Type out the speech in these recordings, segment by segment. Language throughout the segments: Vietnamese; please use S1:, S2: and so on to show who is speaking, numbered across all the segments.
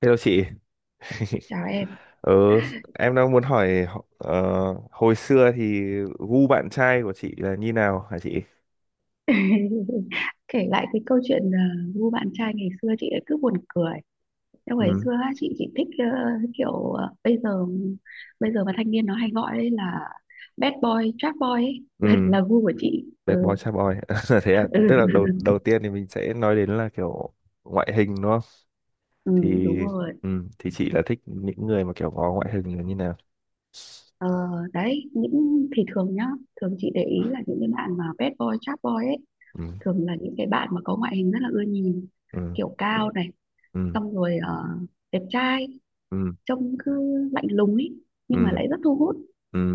S1: Thế đâu chị?
S2: Chào em.
S1: Ở, em đang muốn hỏi hồi xưa thì gu bạn trai của chị là như nào à chị?
S2: Kể lại cái câu chuyện ngu bạn trai ngày xưa chị lại cứ buồn cười. Nhưng ngày xưa
S1: um
S2: á, chị chỉ thích, kiểu, bây giờ mà thanh niên nó hay gọi đấy là bad boy trap boy ấy. là,
S1: um
S2: là gu của chị.
S1: Đẹp bói
S2: Ừ,
S1: cha bói. Thế à,
S2: ừ,
S1: tức là đầu đầu tiên thì mình sẽ nói đến là kiểu ngoại hình nó,
S2: ừ
S1: thì
S2: đúng rồi.
S1: thì chị là thích những người mà kiểu có ngoại hình là như nào?
S2: Ờ, đấy những thì thường nhá, thường chị để ý là những cái bạn mà bad boy trap boy ấy,
S1: um
S2: thường là những cái bạn mà có ngoại hình rất là ưa nhìn,
S1: um
S2: kiểu cao này,
S1: um
S2: xong rồi đẹp trai, trông cứ lạnh lùng ấy, nhưng mà lại
S1: um
S2: rất thu hút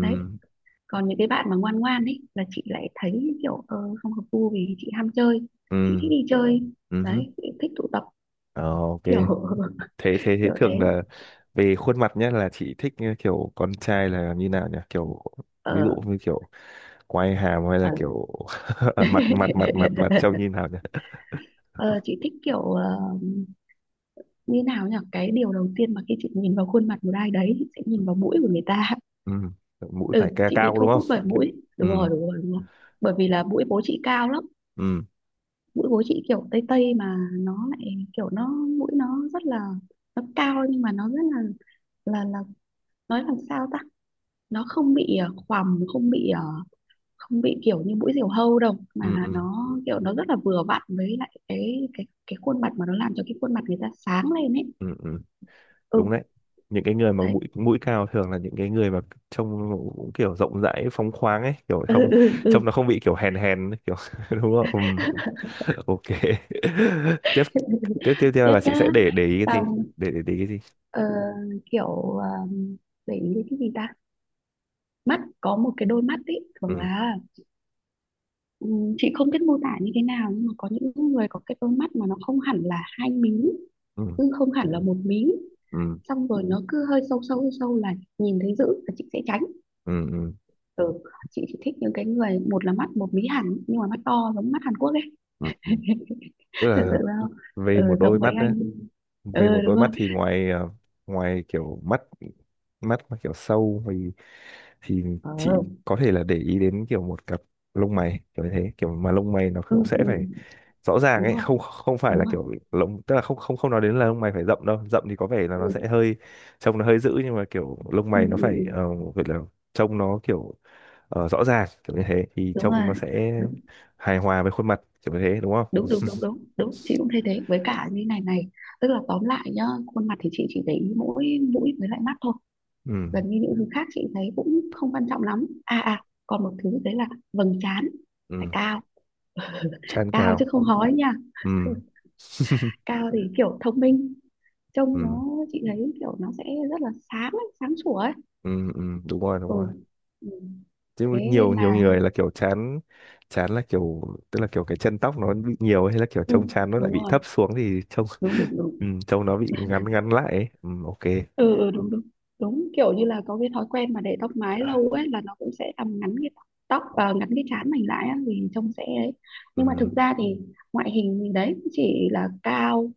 S2: đấy. Còn những cái bạn mà ngoan ngoan ấy là chị lại thấy kiểu, không hợp gu, vì chị ham chơi, chị thích đi chơi
S1: um
S2: đấy, chị thích tụ tập kiểu.
S1: okay. thế thế thế
S2: Kiểu
S1: thường
S2: thế
S1: là về khuôn mặt nhé, là chị thích như kiểu con trai là như nào nhỉ, kiểu ví dụ
S2: ờ
S1: như kiểu quai hàm hay là
S2: ờ.
S1: kiểu mặt mặt mặt mặt mặt trông như nào nhỉ?
S2: Ờ, chị thích kiểu, như nào nhỉ, cái điều đầu tiên mà khi chị nhìn vào khuôn mặt một ai đấy chị sẽ nhìn vào mũi của người ta.
S1: Ừ. Mũi
S2: Ừ,
S1: phải ca
S2: chị bị
S1: cao
S2: thu
S1: đúng không?
S2: hút bởi
S1: Kiểu...
S2: mũi,
S1: ừ.
S2: đúng rồi đúng rồi đúng rồi. Bởi vì là mũi bố chị cao lắm,
S1: Ừ.
S2: mũi của chị kiểu tây tây, mà nó lại kiểu nó, mũi nó rất là, nó cao nhưng mà nó rất là, nói làm sao ta, nó không bị khoằm, không bị kiểu như mũi diều hâu đâu, mà
S1: Ừ.
S2: là
S1: Ừ.
S2: nó kiểu nó rất là vừa vặn với lại cái khuôn mặt, mà nó làm cho cái khuôn mặt người ta sáng lên ấy.
S1: Ừ. Ừ. Đúng
S2: Ừ,
S1: đấy, những cái người mà
S2: đấy,
S1: mũi mũi cao thường là những cái người mà trông cũng kiểu rộng rãi phóng khoáng ấy, kiểu
S2: ừ,
S1: không,
S2: ừ, ừ.
S1: trông nó không bị kiểu hèn hèn ấy, kiểu đúng không? Ừ, ok. Tiếp, tiếp theo
S2: Tiếp
S1: là chị
S2: nhá,
S1: sẽ để ý cái gì?
S2: xong,
S1: Để ý cái gì?
S2: ờ, kiểu, ờ, để ý đến cái gì ta, mắt, có một cái đôi mắt ấy thường
S1: Ừ
S2: là, ừ, chị không biết mô tả như thế nào nhưng mà có những người có cái đôi mắt mà nó không hẳn là hai mí,
S1: ừ
S2: nhưng không hẳn là một mí,
S1: ừ
S2: xong rồi nó cứ hơi sâu sâu sâu là nhìn thấy dữ là chị sẽ tránh.
S1: ừ ừ
S2: Ừ, chị chỉ thích những cái người một là mắt một mí hẳn nhưng mà mắt to giống mắt Hàn Quốc ấy.
S1: ừ ừ. Tức
S2: Tưởng
S1: là
S2: tượng ra không,
S1: về
S2: ừ,
S1: một đôi
S2: giống mấy
S1: mắt đấy.
S2: anh,
S1: Về một
S2: ừ đúng
S1: đôi mắt
S2: rồi,
S1: thì ngoài ngoài kiểu mắt mắt mà kiểu sâu thì thì chị
S2: ừ,
S1: có thể là để ý đến kiểu một cặp lông mày kiểu như thế, kiểu mà lông mày nó
S2: ừ,
S1: cũng sẽ
S2: ừ,
S1: phải rõ ràng
S2: đúng
S1: ấy,
S2: rồi
S1: không không phải
S2: đúng
S1: là
S2: rồi,
S1: kiểu lông, tức là không không không nói đến là lông mày phải rậm đâu, rậm thì có vẻ là nó sẽ
S2: ừ,
S1: hơi trông nó hơi dữ, nhưng mà kiểu lông
S2: ừ,
S1: mày nó
S2: ừ,
S1: phải
S2: ừ,
S1: gọi là trông nó kiểu rõ ràng kiểu như thế thì
S2: đúng
S1: trông
S2: rồi,
S1: nó sẽ hài hòa với khuôn mặt kiểu như thế đúng không?
S2: đúng đúng đúng đúng đúng, chị cũng thấy thế. Với cả như này này, tức là tóm lại nhá, khuôn mặt thì chị chỉ để ý mỗi mũi với lại mắt thôi,
S1: Ừ
S2: gần như những thứ khác chị thấy cũng không quan trọng lắm, còn một thứ đấy là vầng trán phải
S1: ừ.
S2: cao,
S1: Trán
S2: cao chứ
S1: cao.
S2: không hói nha.
S1: Ừ
S2: Cao thì kiểu thông minh, trông
S1: ừ.
S2: nó chị thấy kiểu nó sẽ rất là sáng ấy, sáng sủa ấy.
S1: Ừ ừ đúng rồi, đúng
S2: Ừ,
S1: rồi.
S2: ừ,
S1: Chứ
S2: thế
S1: nhiều
S2: nên
S1: nhiều
S2: là,
S1: người là kiểu chán. Chán là kiểu tức là kiểu cái chân tóc nó bị nhiều, hay là kiểu
S2: ừ,
S1: trông chán nó lại
S2: đúng
S1: bị
S2: rồi,
S1: thấp xuống thì trông
S2: đúng đúng đúng,
S1: ừ, trông nó bị ngắn ngắn lại ấy. Ừ, ok.
S2: ừ, ừ đúng đúng đúng, kiểu như là có cái thói quen mà để tóc mái lâu ấy, là nó cũng sẽ làm ngắn cái ngắn cái trán mình lại á, thì trông sẽ ấy.
S1: Ừ,
S2: Nhưng mà thực ra thì ngoại hình thì đấy chỉ là cao,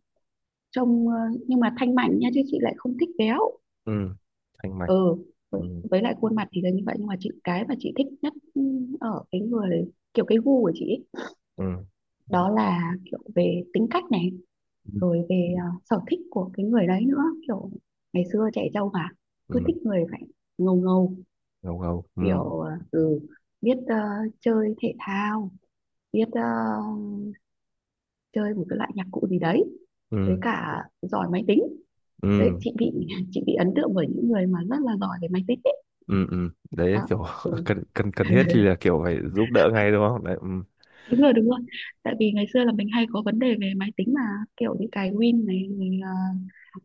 S2: trông, nhưng mà thanh mảnh nha, chứ chị lại không thích béo.
S1: ừ, thanh mạch.
S2: Ừ,
S1: Ừ,
S2: với lại khuôn mặt thì là như vậy, nhưng mà chị, cái mà chị thích nhất, ừ, ở cái người, kiểu cái gu của chị ấy,
S1: ừ,
S2: đó là kiểu về tính cách này,
S1: ừ,
S2: rồi về, sở thích của cái người đấy nữa, kiểu ngày xưa trẻ trâu mà cứ
S1: ừ,
S2: thích người phải ngầu ngầu,
S1: ngầu ngầu. Ừ,
S2: kiểu, ừ, biết chơi thể thao, biết chơi một cái loại nhạc cụ gì đấy, với
S1: ừ,
S2: cả giỏi máy tính đấy.
S1: ừ,
S2: Chị bị, chị bị ấn tượng bởi những người mà rất là giỏi về máy tính đấy.
S1: ừ, ừ. Đấy
S2: Đó,
S1: kiểu
S2: ừ.
S1: cần cần cần thiết thì là kiểu phải giúp đỡ ngay đúng không đấy, ừ,
S2: Đúng rồi đúng rồi, tại vì ngày xưa là mình hay có vấn đề về máy tính mà, kiểu như cài Win này rồi,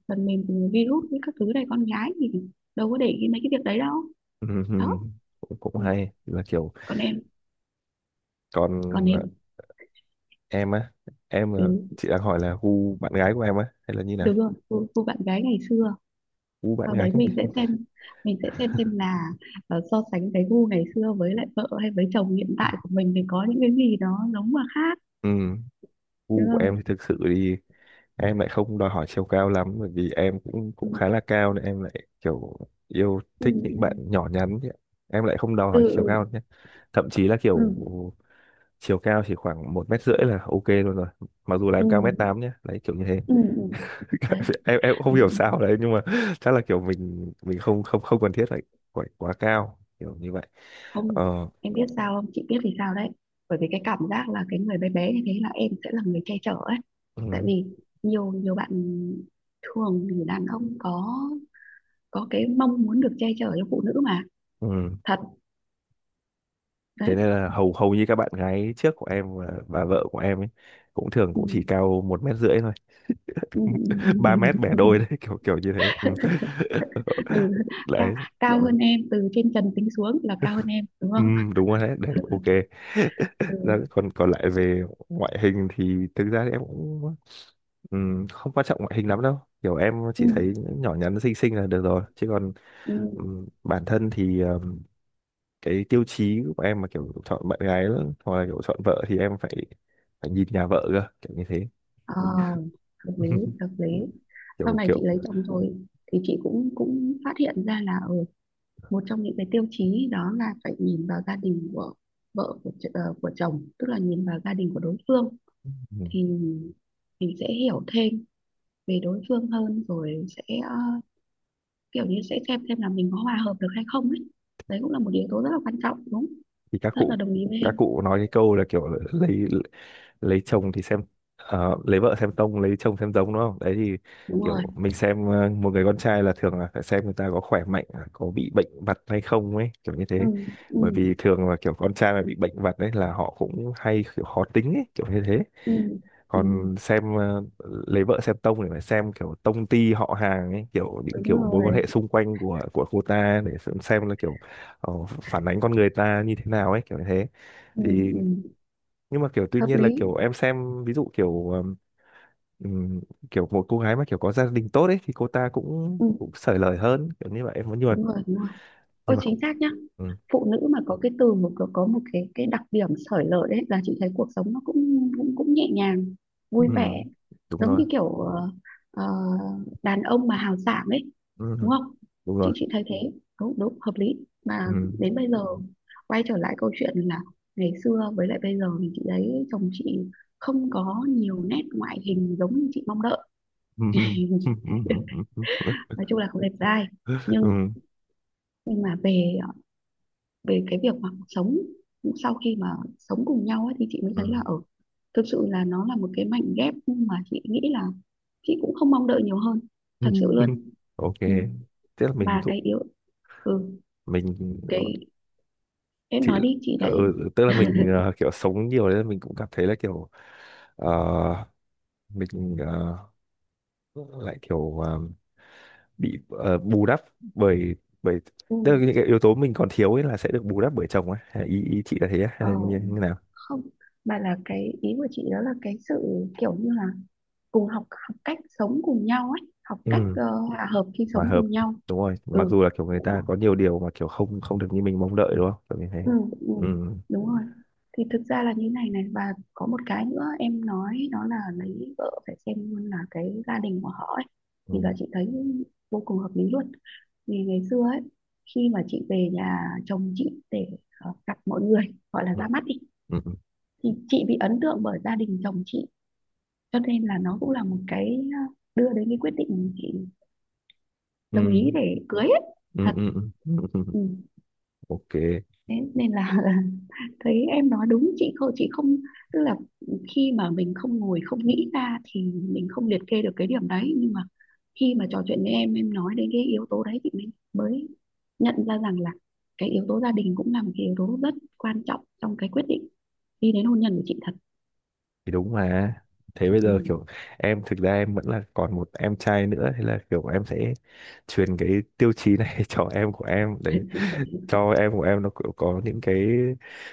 S2: phần mềm, virus với các thứ này, con gái thì đâu có để ý mấy cái việc đấy đâu.
S1: ừ,
S2: Đó,
S1: ừ. cũng cũng
S2: ừ.
S1: hay là kiểu
S2: Còn em,
S1: còn
S2: còn em,
S1: em á, em
S2: ừ,
S1: là chị đang hỏi là gu bạn gái của em á hay là như nào?
S2: đúng rồi, gu bạn gái ngày xưa,
S1: Gu bạn
S2: sau
S1: gái.
S2: đấy mình sẽ xem là, so sánh cái gu ngày xưa với lại vợ hay với chồng hiện tại của mình thì có những cái gì đó giống mà khác,
S1: Ừ,
S2: đúng
S1: gu của
S2: không.
S1: em thì thực sự thì em lại không đòi hỏi chiều cao lắm, bởi vì em cũng
S2: Ừ
S1: cũng khá là cao nên em lại kiểu yêu
S2: ừ
S1: thích những bạn nhỏ nhắn chứ ạ. Em lại không đòi hỏi chiều cao
S2: ừ
S1: nhé, thậm chí là
S2: ừ
S1: kiểu chiều cao chỉ khoảng 1,5 m là ok luôn rồi. Mặc dù là
S2: ừ
S1: em cao mét tám
S2: ừ
S1: nhé, đấy kiểu như thế.
S2: ừ, ừ, ừ. Đấy,
S1: Em cũng không
S2: ừ,
S1: hiểu
S2: ừ.
S1: sao đấy, nhưng mà chắc là kiểu mình không không không cần thiết phải phải quá cao kiểu như vậy.
S2: Không,
S1: Ờ,
S2: em biết sao không, chị biết vì sao đấy, bởi vì cái cảm giác là cái người bé bé như thế là em sẽ là người che chở ấy, tại
S1: ừ,
S2: vì nhiều nhiều bạn, thường thì đàn ông có cái mong muốn được che chở cho phụ nữ mà.
S1: ừ.
S2: Thật,
S1: Thế
S2: đấy,
S1: nên là hầu hầu như các bạn gái trước của em và vợ của em ấy cũng thường
S2: ừ.
S1: cũng chỉ cao 1,5 m thôi.
S2: Ừ.
S1: Ba mét bẻ
S2: Ừ.
S1: đôi đấy, kiểu kiểu như thế. Ừ.
S2: Ừ, Ca,
S1: Đấy.
S2: cao hơn em, từ trên trần tính xuống là cao hơn em, đúng
S1: Ừ,
S2: không.
S1: đúng rồi, đấy đấy ok.
S2: Ừ.
S1: Còn còn lại về ngoại hình thì thực ra thì em cũng không quan trọng ngoại hình lắm đâu, kiểu em
S2: Ừ.
S1: chỉ thấy nhỏ nhắn xinh xinh là được rồi, chứ còn
S2: Ừ.
S1: bản thân thì cái tiêu chí của em mà kiểu chọn bạn gái hoặc là kiểu chọn vợ thì em phải phải nhìn nhà vợ cơ, kiểu như thế.
S2: Ờ, hợp lý, hợp lý. Sau
S1: kiểu
S2: này
S1: kiểu
S2: chị lấy chồng rồi thì chị cũng cũng phát hiện ra là, ừ, một trong những cái tiêu chí đó là phải nhìn vào gia đình của vợ của, ch- ờ, của chồng, tức là nhìn vào gia đình của đối phương
S1: Ừ.
S2: thì mình sẽ hiểu thêm về đối phương hơn, rồi sẽ ờ, kiểu như sẽ xem là mình có hòa hợp được hay không ấy. Đấy cũng là một yếu tố rất là quan trọng, đúng,
S1: Thì các
S2: rất là
S1: cụ,
S2: đồng ý với em,
S1: nói cái câu là kiểu là lấy chồng thì xem lấy vợ xem tông, lấy chồng xem giống, đúng không đấy? Thì
S2: đúng rồi,
S1: kiểu mình xem một người con trai là thường là phải xem người ta có khỏe mạnh à, có bị bệnh vặt hay không ấy, kiểu như
S2: ừ
S1: thế.
S2: ừ
S1: Bởi vì thường là kiểu con trai mà bị bệnh vặt đấy là họ cũng hay kiểu khó tính ấy, kiểu như thế.
S2: ừ ừ,
S1: Còn xem lấy vợ xem tông thì phải xem kiểu tông ty họ hàng ấy, kiểu những
S2: đúng
S1: kiểu mối quan
S2: rồi,
S1: hệ xung quanh của cô ta để xem là kiểu phản ánh con người ta như thế nào ấy, kiểu như thế.
S2: ừ
S1: Thì
S2: ừ
S1: nhưng mà kiểu tuy
S2: hợp
S1: nhiên là kiểu
S2: lý,
S1: em xem ví dụ kiểu ừm, kiểu một cô gái mà kiểu có gia đình tốt ấy thì cô ta cũng
S2: ừ
S1: cũng xởi lời hơn, kiểu như vậy em muốn,
S2: đúng rồi đúng rồi,
S1: nhưng
S2: ôi
S1: mà
S2: chính
S1: cũng
S2: xác nhá.
S1: ừ,
S2: Phụ nữ mà có cái từ một có một cái đặc điểm xởi lởi đấy, là chị thấy cuộc sống nó cũng cũng cũng nhẹ nhàng,
S1: ừ,
S2: vui vẻ,
S1: đúng
S2: giống
S1: rồi.
S2: như kiểu, ờ, đàn ông mà hào sảng ấy, đúng
S1: Ừ,
S2: không,
S1: đúng rồi.
S2: chị thấy thế, đúng đúng hợp lý mà.
S1: Ừ.
S2: Đến bây giờ, quay trở lại câu chuyện là ngày xưa với lại bây giờ, thì chị thấy chồng chị không có nhiều nét ngoại hình giống như chị mong đợi.
S1: Ừ, ừ, ừ, ừ,
S2: Nói chung là không đẹp trai, nhưng
S1: ừ,
S2: nhưng mà về về cái việc mà sống, sau khi mà sống cùng nhau ấy, thì chị mới thấy
S1: ừ.
S2: là thực sự là nó là một cái mảnh ghép mà chị nghĩ là chị cũng không mong đợi nhiều hơn,
S1: Ừ.
S2: thật sự luôn,
S1: Ok.
S2: ừ.
S1: Tức là mình
S2: Mà
S1: cũng
S2: cái yếu, ừ,
S1: mình
S2: cái em
S1: thì
S2: nói đi chị
S1: ừ,
S2: lại,
S1: tức là mình kiểu sống nhiều nên mình cũng cảm thấy là kiểu ờ, mình lại kiểu bị bù đắp bởi bởi tức là
S2: ừ.
S1: những cái yếu tố mình còn thiếu ấy là sẽ được bù đắp bởi chồng ấy. Hay ý ý chị là thế á?
S2: Ờ,
S1: Hay là như, như nào?
S2: không mà là cái ý của chị đó là cái sự kiểu như là cùng học học cách sống cùng nhau ấy, học cách
S1: Ừ,
S2: hòa hợp khi
S1: hòa
S2: sống
S1: hợp
S2: cùng nhau,
S1: đúng rồi, mặc
S2: ừ
S1: dù là kiểu người
S2: đúng rồi,
S1: ta có nhiều điều mà kiểu không không được như mình mong đợi, đúng không kiểu như thế.
S2: ừ, ừ,
S1: Ừ
S2: đúng rồi. Thì thực ra là như này này, và có một cái nữa em nói đó là lấy vợ phải xem luôn là cái gia đình của họ ấy.
S1: ừ
S2: Thì giờ chị thấy vô cùng hợp lý luôn. Vì ngày xưa ấy, khi mà chị về nhà chồng chị để gặp mọi người, gọi là
S1: ừ
S2: ra mắt đi,
S1: ừ
S2: thì chị bị ấn tượng bởi gia đình chồng chị, cho nên là nó cũng là một cái, đưa đến cái quyết định chị
S1: ừ
S2: đồng ý để cưới ấy.
S1: ừ
S2: Thật.
S1: ừ ừ ừ. Ừ.
S2: Ừ.
S1: Ok,
S2: Thế nên là, thấy em nói đúng, chị không chị không, tức là khi mà mình không ngồi không nghĩ ra thì mình không liệt kê được cái điểm đấy, nhưng mà khi mà trò chuyện với em nói đến cái yếu tố đấy thì mình mới nhận ra rằng là cái yếu tố gia đình cũng là một cái yếu tố rất quan trọng trong cái quyết định đi đến hôn nhân của chị, thật.
S1: thì đúng mà. Thế bây
S2: Ừ.
S1: giờ kiểu em, thực ra em vẫn là còn một em trai nữa, thế là kiểu em sẽ truyền cái tiêu chí này cho em của em, để cho em của em nó kiểu có những cái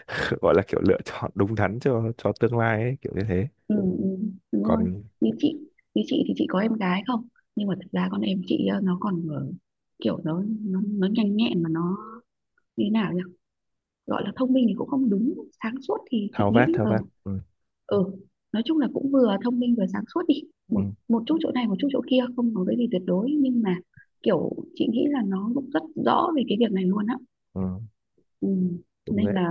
S1: gọi là kiểu lựa chọn đúng đắn cho tương lai ấy, kiểu như thế.
S2: Ừ, ừ, đúng
S1: Còn
S2: rồi. Như chị, như chị thì chị có em gái không, nhưng mà thật ra con em chị, nó còn, kiểu nó nhanh nhẹn mà nó như thế nào ấy. Gọi là thông minh thì cũng không đúng, sáng suốt thì chị
S1: thao
S2: nghĩ,
S1: vát thao vát. Ừ,
S2: ờ nói chung là cũng vừa thông minh vừa sáng suốt đi,
S1: ừ,
S2: một một chút chỗ này một chút chỗ kia, không có cái gì tuyệt đối, nhưng mà kiểu chị nghĩ là nó cũng rất rõ về cái việc này luôn á,
S1: ừ,
S2: ừ.
S1: đúng
S2: Nên
S1: đấy.
S2: là,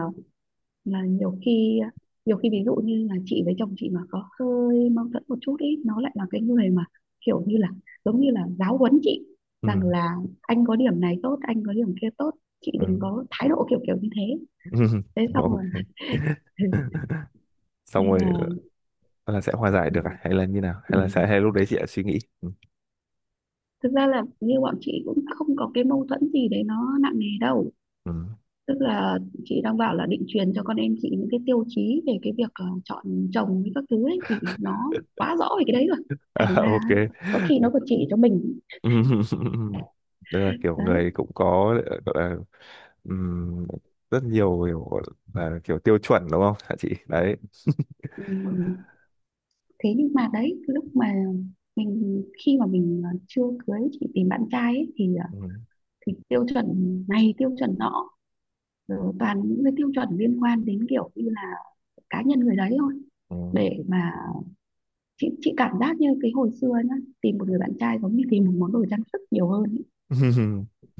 S2: là nhiều khi nhiều khi ví dụ như là chị với chồng chị mà có hơi mâu thuẫn một chút ý, nó lại là cái người mà kiểu như là giáo huấn chị,
S1: Ừ,
S2: rằng là anh có điểm này tốt, anh có điểm kia tốt, chị
S1: ừ.
S2: đừng có thái độ kiểu kiểu như thế, thế xong rồi.
S1: Ok. Xong
S2: Nên
S1: rồi
S2: là,
S1: là sẽ hòa giải
S2: ừ.
S1: được à? Hay là như nào?
S2: Ừ.
S1: Hay là sẽ, hay lúc đấy chị đã suy nghĩ. Ừ.
S2: Thực ra là như bọn chị cũng không có cái mâu thuẫn gì đấy nó nặng nề đâu,
S1: Ừ.
S2: tức là chị đang bảo là định truyền cho con em chị những cái tiêu chí về cái việc, chọn chồng với các thứ ấy thì nó quá rõ về cái đấy rồi, thành
S1: À,
S2: ra
S1: ok.
S2: có khi nó còn chỉ cho mình.
S1: Tức là kiểu
S2: Đấy,
S1: người cũng có gọi là, ừm, rất nhiều kiểu gọi là kiểu tiêu chuẩn đúng không hả chị đấy?
S2: ừ. Thế nhưng mà đấy lúc mà mình khi mà mình, chưa cưới, chị tìm bạn trai ấy, thì ờ,
S1: Ừ.
S2: thì tiêu chuẩn này, tiêu chuẩn nọ, rồi toàn những cái tiêu chuẩn liên quan đến kiểu như là cá nhân người đấy thôi,
S1: Ừ.
S2: để mà chị cảm giác như cái hồi xưa nhá, tìm một người bạn trai giống như tìm một món đồ trang sức nhiều hơn ấy.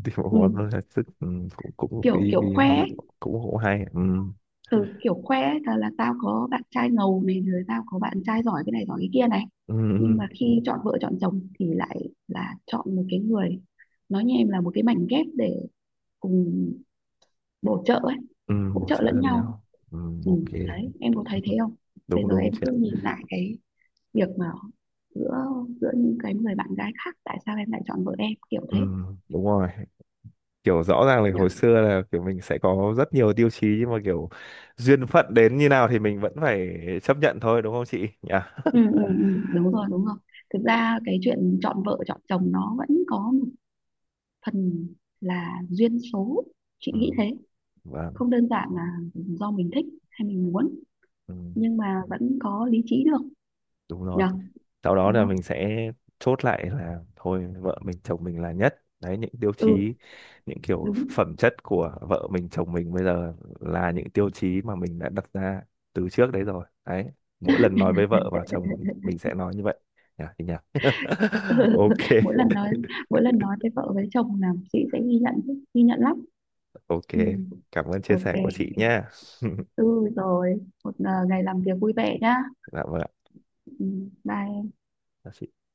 S1: Thì một
S2: Ừ.
S1: món nó là sức, ừ, cũng cũng
S2: kiểu
S1: vì
S2: kiểu
S1: vì
S2: khoe
S1: hoa mẹ
S2: ấy,
S1: cũng cũng hay. Ừ.
S2: từ kiểu khoe ấy, là tao có bạn trai ngầu này, rồi tao có bạn trai giỏi cái này giỏi cái kia này,
S1: Ừ.
S2: nhưng
S1: Ừ,
S2: mà khi chọn vợ chọn chồng thì lại là chọn một cái người, nói như em là một cái mảnh ghép để cùng bổ trợ ấy,
S1: ừ,
S2: hỗ
S1: bổ
S2: trợ
S1: trợ
S2: lẫn
S1: cho
S2: nhau,
S1: nhau. Ừ. Ok.
S2: ừ. Đấy em có
S1: Ừ.
S2: thấy thế không, bây
S1: Đúng
S2: giờ
S1: đúng
S2: em
S1: chị
S2: cứ
S1: ạ.
S2: nhìn lại cái việc mà giữa, giữa những cái người bạn gái khác, tại sao em lại chọn vợ em kiểu
S1: Ừ.
S2: thế,
S1: Đúng rồi, kiểu rõ ràng là
S2: nhỉ.
S1: hồi xưa là kiểu mình sẽ có rất nhiều tiêu chí, nhưng mà kiểu duyên phận đến như nào thì mình vẫn phải chấp nhận thôi, đúng không chị nhỉ?
S2: Ừ, ừ, ừ, đúng rồi đúng rồi, thực ra cái chuyện chọn vợ chọn chồng nó vẫn có một phần là duyên số, chị
S1: Ừ.
S2: nghĩ thế,
S1: Vâng,
S2: không đơn giản là do mình thích hay mình muốn,
S1: ừ,
S2: nhưng mà vẫn có lý trí được,
S1: đúng rồi.
S2: nhở,
S1: Sau đó
S2: đúng
S1: là
S2: không.
S1: mình sẽ chốt lại là thôi vợ mình chồng mình là nhất. Đấy, những tiêu chí,
S2: Ừ
S1: những kiểu
S2: đúng.
S1: phẩm chất của vợ mình chồng mình bây giờ là những tiêu chí mà mình đã đặt ra từ trước đấy rồi. Đấy, mỗi lần nói với vợ và chồng thì mình sẽ nói như vậy. Nhỉ, thì nhỉ.
S2: Ừ,
S1: Ok,
S2: mỗi lần nói mỗi lần nói với vợ với chồng là chị sẽ ghi nhận chứ, ghi nhận lắm,
S1: ok.
S2: ừ,
S1: Cảm ơn chia
S2: ok,
S1: sẻ của chị nha.
S2: ừ rồi một, ngày làm việc vui vẻ nhá,
S1: Dạ vâng
S2: ừ, bye.
S1: ạ.